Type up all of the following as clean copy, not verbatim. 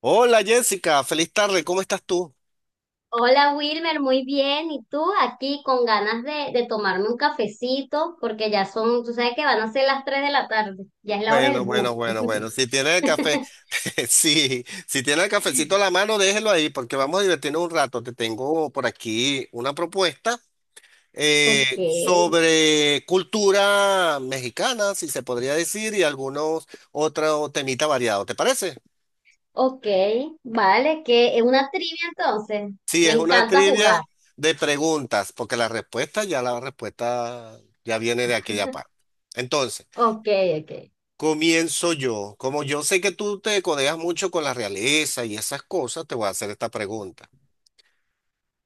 Hola Jessica, feliz tarde, ¿cómo estás tú? Hola Wilmer, muy bien. ¿Y tú aquí con ganas de tomarme un cafecito? Porque ya son, tú sabes que van a ser las 3 de la tarde, ya es la hora Bueno, del bus. bueno, bueno, bueno, si tiene el café, sí, si tiene el cafecito a la mano, déjelo ahí porque vamos a divertirnos un rato. Te tengo por aquí una propuesta Ok, sobre cultura mexicana, si se podría decir, y algunos otros temitas variados, ¿te parece? ok, vale, que es una trivia entonces. Sí, Me es una encanta jugar. trivia de preguntas, porque la respuesta ya viene de aquella parte. Entonces, Ok, ok, comienzo yo. Como yo sé que tú te codeas mucho con la realeza y esas cosas, te voy a hacer esta pregunta.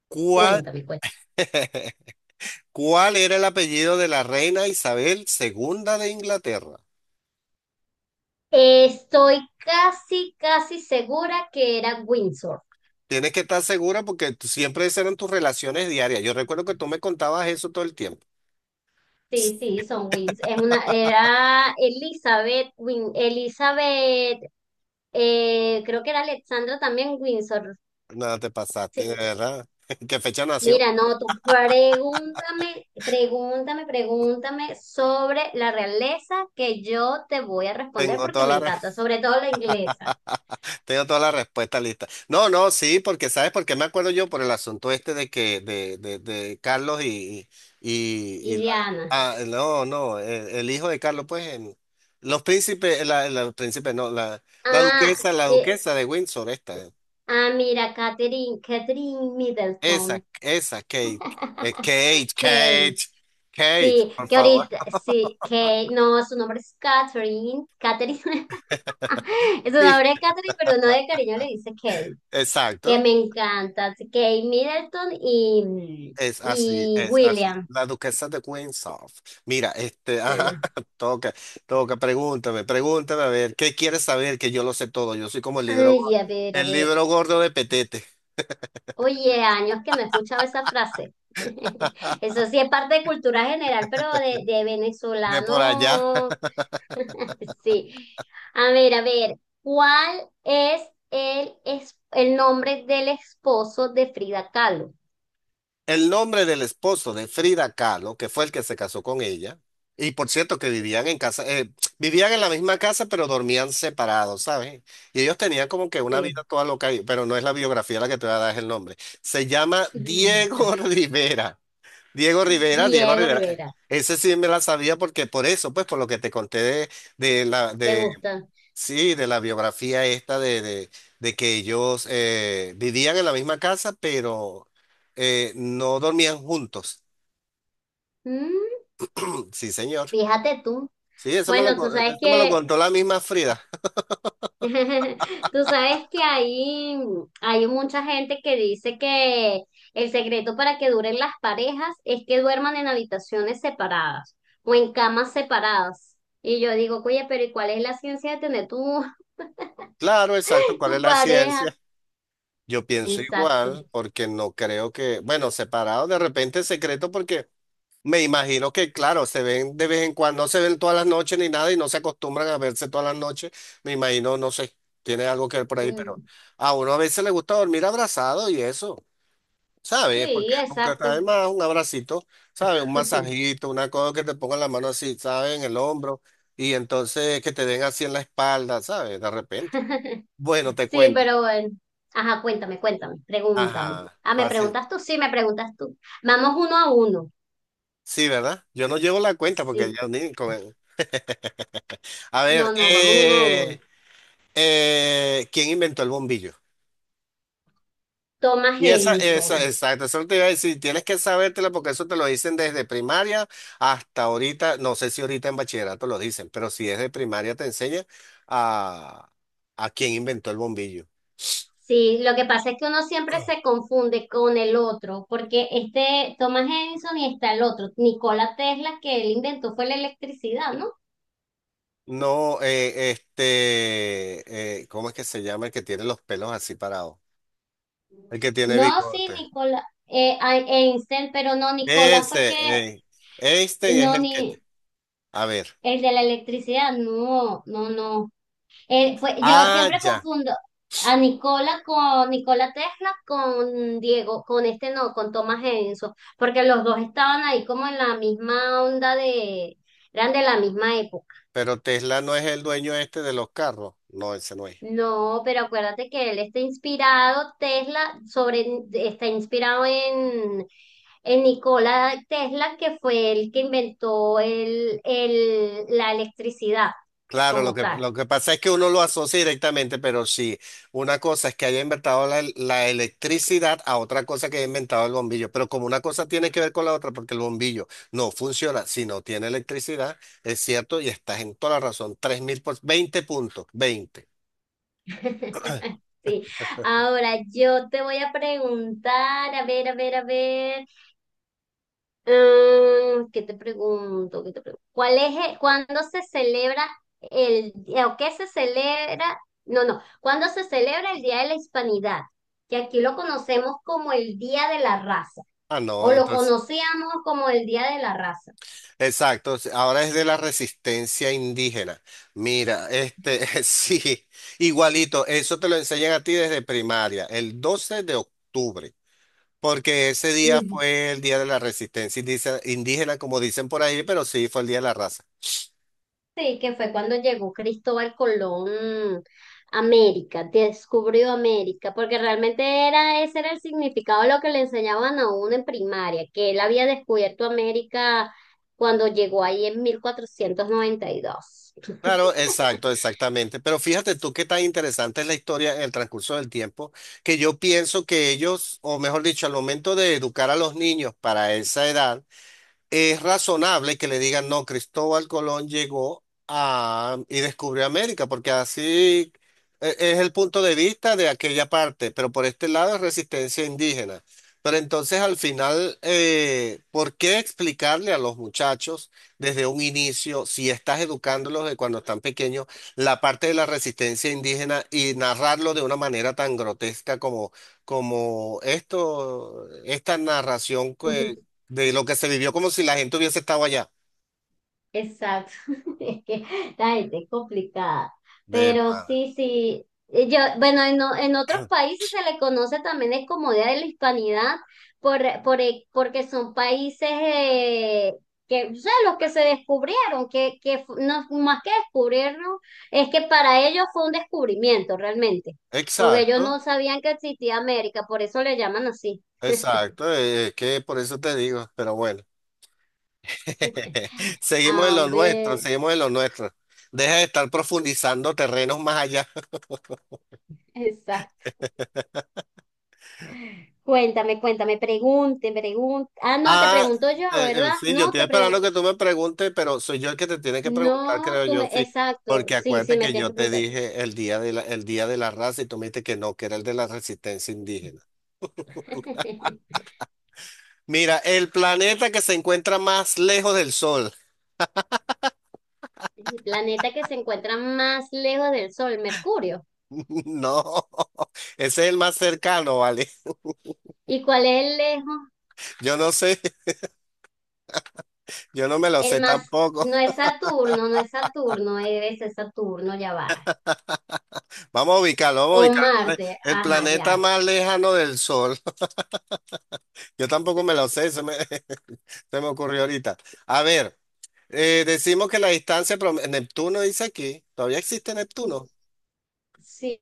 ¿Cuál, cuéntame, cuéntame. cuál era el apellido de la reina Isabel II de Inglaterra? Estoy casi, casi segura que era Windsor. Tienes que estar segura porque tú- siempre esas eran tus relaciones diarias. Yo recuerdo que tú me contabas eso todo el tiempo. Sí, sí, son Wins. Es una, era Elizabeth Win, Elizabeth, creo que era Alexandra también Windsor. Nada, te pasaste, de Sí. verdad. ¿Qué fecha nació? Mira, no, tú pregúntame, pregúntame, pregúntame sobre la realeza que yo te voy a responder Tengo porque toda me la encanta, sobre todo la inglesa. Tengo toda la respuesta lista. No, no, sí, porque ¿sabes por qué me acuerdo yo? Por el asunto este de que, de Carlos y Y Diana. No, no, el hijo de Carlos, pues, en- los príncipes, la, la príncipe, no, la, Ah, la eh, duquesa de Windsor, esta, mira, Catherine, Catherine Middleton. esa, eh, Kate, Kate, Kate, Kate, sí, por que favor. ahorita, sí, que no, su nombre es Catherine, Catherine, es un Sí, nombre de Catherine, pero no de cariño le dice Kate, que exacto. me encanta, Kate Middleton Es así, y es así. William, La duquesa de Windsor. Mira, ajá, sí. toca, toca, pregúntame, pregúntame, a ver, ¿qué quieres saber? Que yo lo sé todo. Yo soy como Ay, a ver, a el ver. libro gordo de Petete, Oye, años que no escuchaba esa frase. Eso sí es parte de cultura general, pero de de por allá. venezolano. Sí. A ver, ¿cuál es es el nombre del esposo de Frida Kahlo? El nombre del esposo de Frida Kahlo, que fue el que se casó con ella, y por cierto que vivían en la misma casa, pero dormían separados, ¿sabes? Y ellos tenían como que una Sí. vida toda loca, ahí, pero no es la biografía la que te voy a dar, es el nombre. Se llama Diego Rivera. Diego Rivera, Diego Diego Rivera. Rivera. Ese sí me la sabía porque por eso, pues por lo que te conté de la ¿Te de gusta? sí, de la biografía esta de que ellos vivían en la misma casa, pero no dormían juntos. Mm, Sí, señor. fíjate tú. Sí, Bueno, tú sabes eso me lo que contó la misma Frida. tú sabes que hay mucha gente que dice que el secreto para que duren las parejas es que duerman en habitaciones separadas o en camas separadas. Y yo digo, oye, pero ¿y cuál es la ciencia de tener tu, Claro, exacto, ¿cuál es tu la pareja? ciencia? Yo pienso Exacto. igual, porque no creo que, bueno, separado de repente secreto, porque me imagino que, claro, se ven de vez en cuando, no se ven todas las noches ni nada y no se acostumbran a verse todas las noches. Me imagino, no sé, tiene algo que ver por ahí, pero Mm, a uno a veces le gusta dormir abrazado y eso, ¿sabes? Porque sí, nunca está de exacto. más un abracito, ¿sabes? Un masajito, una cosa que te pongan la mano así, ¿sabes? En el hombro, y entonces que te den así en la espalda, ¿sabes? De repente. Bueno, te Sí, cuento. pero bueno. Ajá, cuéntame, cuéntame, pregúntame. Ajá, Ah, ¿me fácil. preguntas tú? Sí, me preguntas tú. Vamos uno a uno. Sí, ¿verdad? Yo no llevo la cuenta porque Sí. ya ni con él. A No, ver, no, vamos uno a uno. ¿Quién inventó el bombillo? Thomas Y esa, Edison. exacto, eso te iba a decir, tienes que sabértela porque eso te lo dicen desde primaria hasta ahorita, no sé si ahorita en bachillerato lo dicen, pero si es de primaria te enseña a, a quién inventó el bombillo. Sí, lo que pasa es que uno siempre se confunde con el otro, porque este Thomas Edison y está el otro, Nikola Tesla, que él inventó fue la electricidad, ¿no? No, ¿cómo es que se llama el que tiene los pelos así parados? El que tiene No, sí, bigote. Nikola, Einstein, pero no, Nikola fue el Ese, que, Einstein es no, el que, ni a ver, el de la electricidad, no, no, no. Fue, yo siempre ya. confundo a Nicola con Nicola Tesla con Diego, con este no, con Thomas Edison, porque los dos estaban ahí como en la misma onda de, eran de la misma época. Pero Tesla no es el dueño este de los carros. No, ese no es. No, pero acuérdate que él está inspirado, Tesla, sobre, está inspirado en Nikola Tesla, que fue el que inventó la electricidad Claro, lo como que, tal. lo que pasa es que uno lo asocia directamente, pero sí, una cosa es que haya inventado la electricidad, a otra cosa que haya inventado el bombillo. Pero como una cosa tiene que ver con la otra, porque el bombillo no funciona si no tiene electricidad, es cierto, y estás en toda la razón. 3000 por 20 puntos, 20. Sí. Ahora yo te voy a preguntar, a ver, a ver, a ver, ah, ¿qué te pregunto? ¿Qué te pregunto? ¿Cuál es el- cuándo se celebra el, o qué se celebra? No, no, ¿cuándo se celebra el Día de la Hispanidad, que aquí lo conocemos como el Día de la Raza, Ah, no, o lo entonces. conocíamos como el Día de la Raza? Exacto, s- ahora es de la resistencia indígena. Mira, sí, igualito, eso te lo enseñan a ti desde primaria, el 12 de octubre, porque ese día fue el día de la resistencia indice- indígena, como dicen por ahí, pero sí fue el día de la raza. Sí, que fue cuando llegó Cristóbal Colón a América, descubrió América, porque realmente era, ese era el significado de lo que le enseñaban a uno en primaria, que él había descubierto América cuando llegó ahí en 1492. Claro, exacto, exactamente. Pero fíjate tú qué tan interesante es la historia en el transcurso del tiempo, que yo pienso que ellos, o mejor dicho, al momento de educar a los niños para esa edad, es razonable que le digan, no, Cristóbal Colón llegó a, y descubrió América, porque así e- es el punto de vista de aquella parte, pero por este lado es resistencia indígena. Pero entonces, al final, ¿por qué explicarle a los muchachos desde un inicio, si estás educándolos de cuando están pequeños, la parte de la resistencia indígena y narrarlo de una manera tan grotesca como, esto, esta narración? De lo que se vivió como si la gente hubiese estado allá. Exacto, es que la gente es complicada, De pero pana. sí, sí, yo, bueno, en otros países se le conoce también es como Día de la Hispanidad por porque son países que, o sea, los que se descubrieron, no, más que descubrirlo, es que para ellos fue un descubrimiento realmente, porque ellos no Exacto, sabían que existía América, por eso le llaman así. exacto, es que por eso te digo, pero bueno, seguimos en A lo nuestro, ver, seguimos en lo nuestro. Deja de estar profundizando terrenos más allá. exacto. Cuéntame, cuéntame, pregunte, pregunte. Ah, no, te Ah, pregunto yo, ¿verdad? sí, yo No, estoy te esperando pregunto. que tú me preguntes, pero soy yo el que te tiene que preguntar, No, creo tú yo, me. sí. Exacto, Porque sí, sí, acuérdate me que tienes yo que te preguntar. dije el día de la, raza, y tú me dijiste que no, que era el de la resistencia indígena. Mira, el planeta que se encuentra más lejos del Sol. El planeta que se encuentra más lejos del Sol, Mercurio. No, ese es el más cercano, ¿vale? ¿Y cuál es el lejos? Yo no sé, yo no me lo sé El más, tampoco. no es Saturno, no es Saturno, es Saturno, ya va. Vamos a ubicarlo, vamos a O ubicarlo. ¿Vale? Marte, El ajá, planeta ya. más lejano del Sol. Yo tampoco me lo sé, se me, se me ocurrió ahorita. A ver, decimos que la distancia, Neptuno, dice aquí. ¿Todavía existe Neptuno? Sí,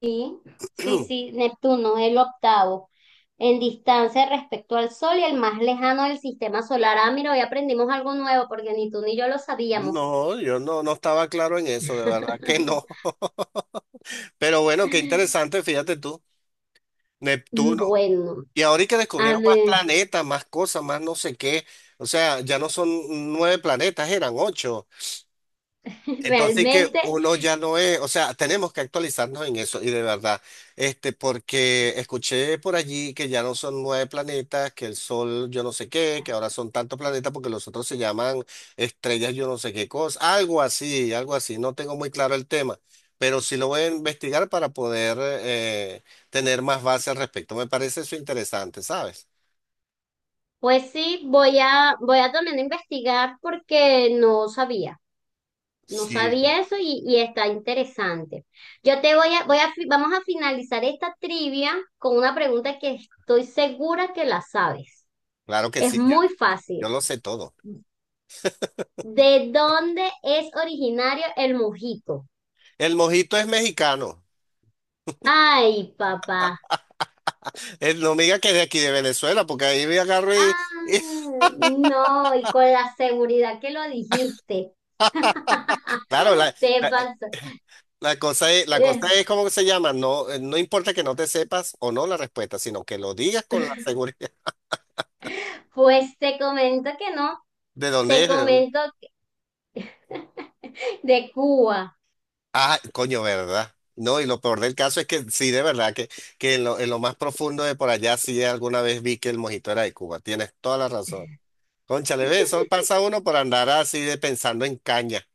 sí, sí, Neptuno, el octavo en distancia respecto al Sol y el más lejano del sistema solar. Ah, mira, hoy aprendimos algo nuevo porque ni tú ni yo lo sabíamos. No, yo no estaba claro en eso, de verdad que no. Pero bueno, qué interesante, fíjate tú. Neptuno. Bueno, Y ahora y que a descubrieron más ver, planetas, más cosas, más no sé qué. O sea, ya no son nueve planetas, eran ocho. Entonces que realmente, uno ya no es, o sea, tenemos que actualizarnos en eso, y de verdad, porque escuché por allí que ya no son nueve planetas, que el Sol yo no sé qué, que ahora son tantos planetas porque los otros se llaman estrellas yo no sé qué cosa, algo así, algo así. No tengo muy claro el tema, pero sí lo voy a investigar para poder tener más base al respecto. Me parece eso interesante, ¿sabes? pues sí, voy a también investigar porque no sabía. No Sí, sabía eso y está interesante. Yo te voy a, vamos a finalizar esta trivia con una pregunta que estoy segura que la sabes. claro que Es sí, yo, muy yo fácil. lo sé todo. ¿De dónde es originario el mojito? El mojito es mexicano. Ay, papá. El, no me diga que es de aquí de Venezuela, porque ahí me agarro y, Ah, y- no, y con la seguridad que lo dijiste. claro, Te la, eh, pasó. la cosa es, la cosa Eh, es cómo se llama. No, no importa que no te sepas o no la respuesta, sino que lo digas con la seguridad. pues te comento que no. ¿De dónde Te es? ¿De dónde? comento que- de Cuba. Ah, coño, ¿verdad? No, y lo peor del caso es que sí, de verdad, que en lo más profundo de por allá sí alguna vez vi que el mojito era de Cuba. Tienes toda la razón. Cónchale, ve, eso pasa uno por andar así de pensando en caña.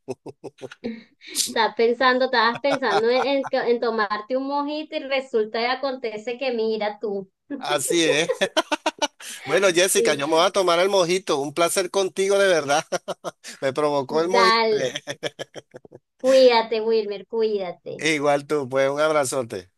Estás pensando, estabas pensando en que- en tomarte un mojito y resulta y acontece que mira tú. Así es. Bueno, Jessica, Sí, yo me voy a tomar el mojito. Un placer contigo, de verdad. Me provocó el mojito. dale. Cuídate, Wilmer, cuídate. Igual tú, pues un abrazote.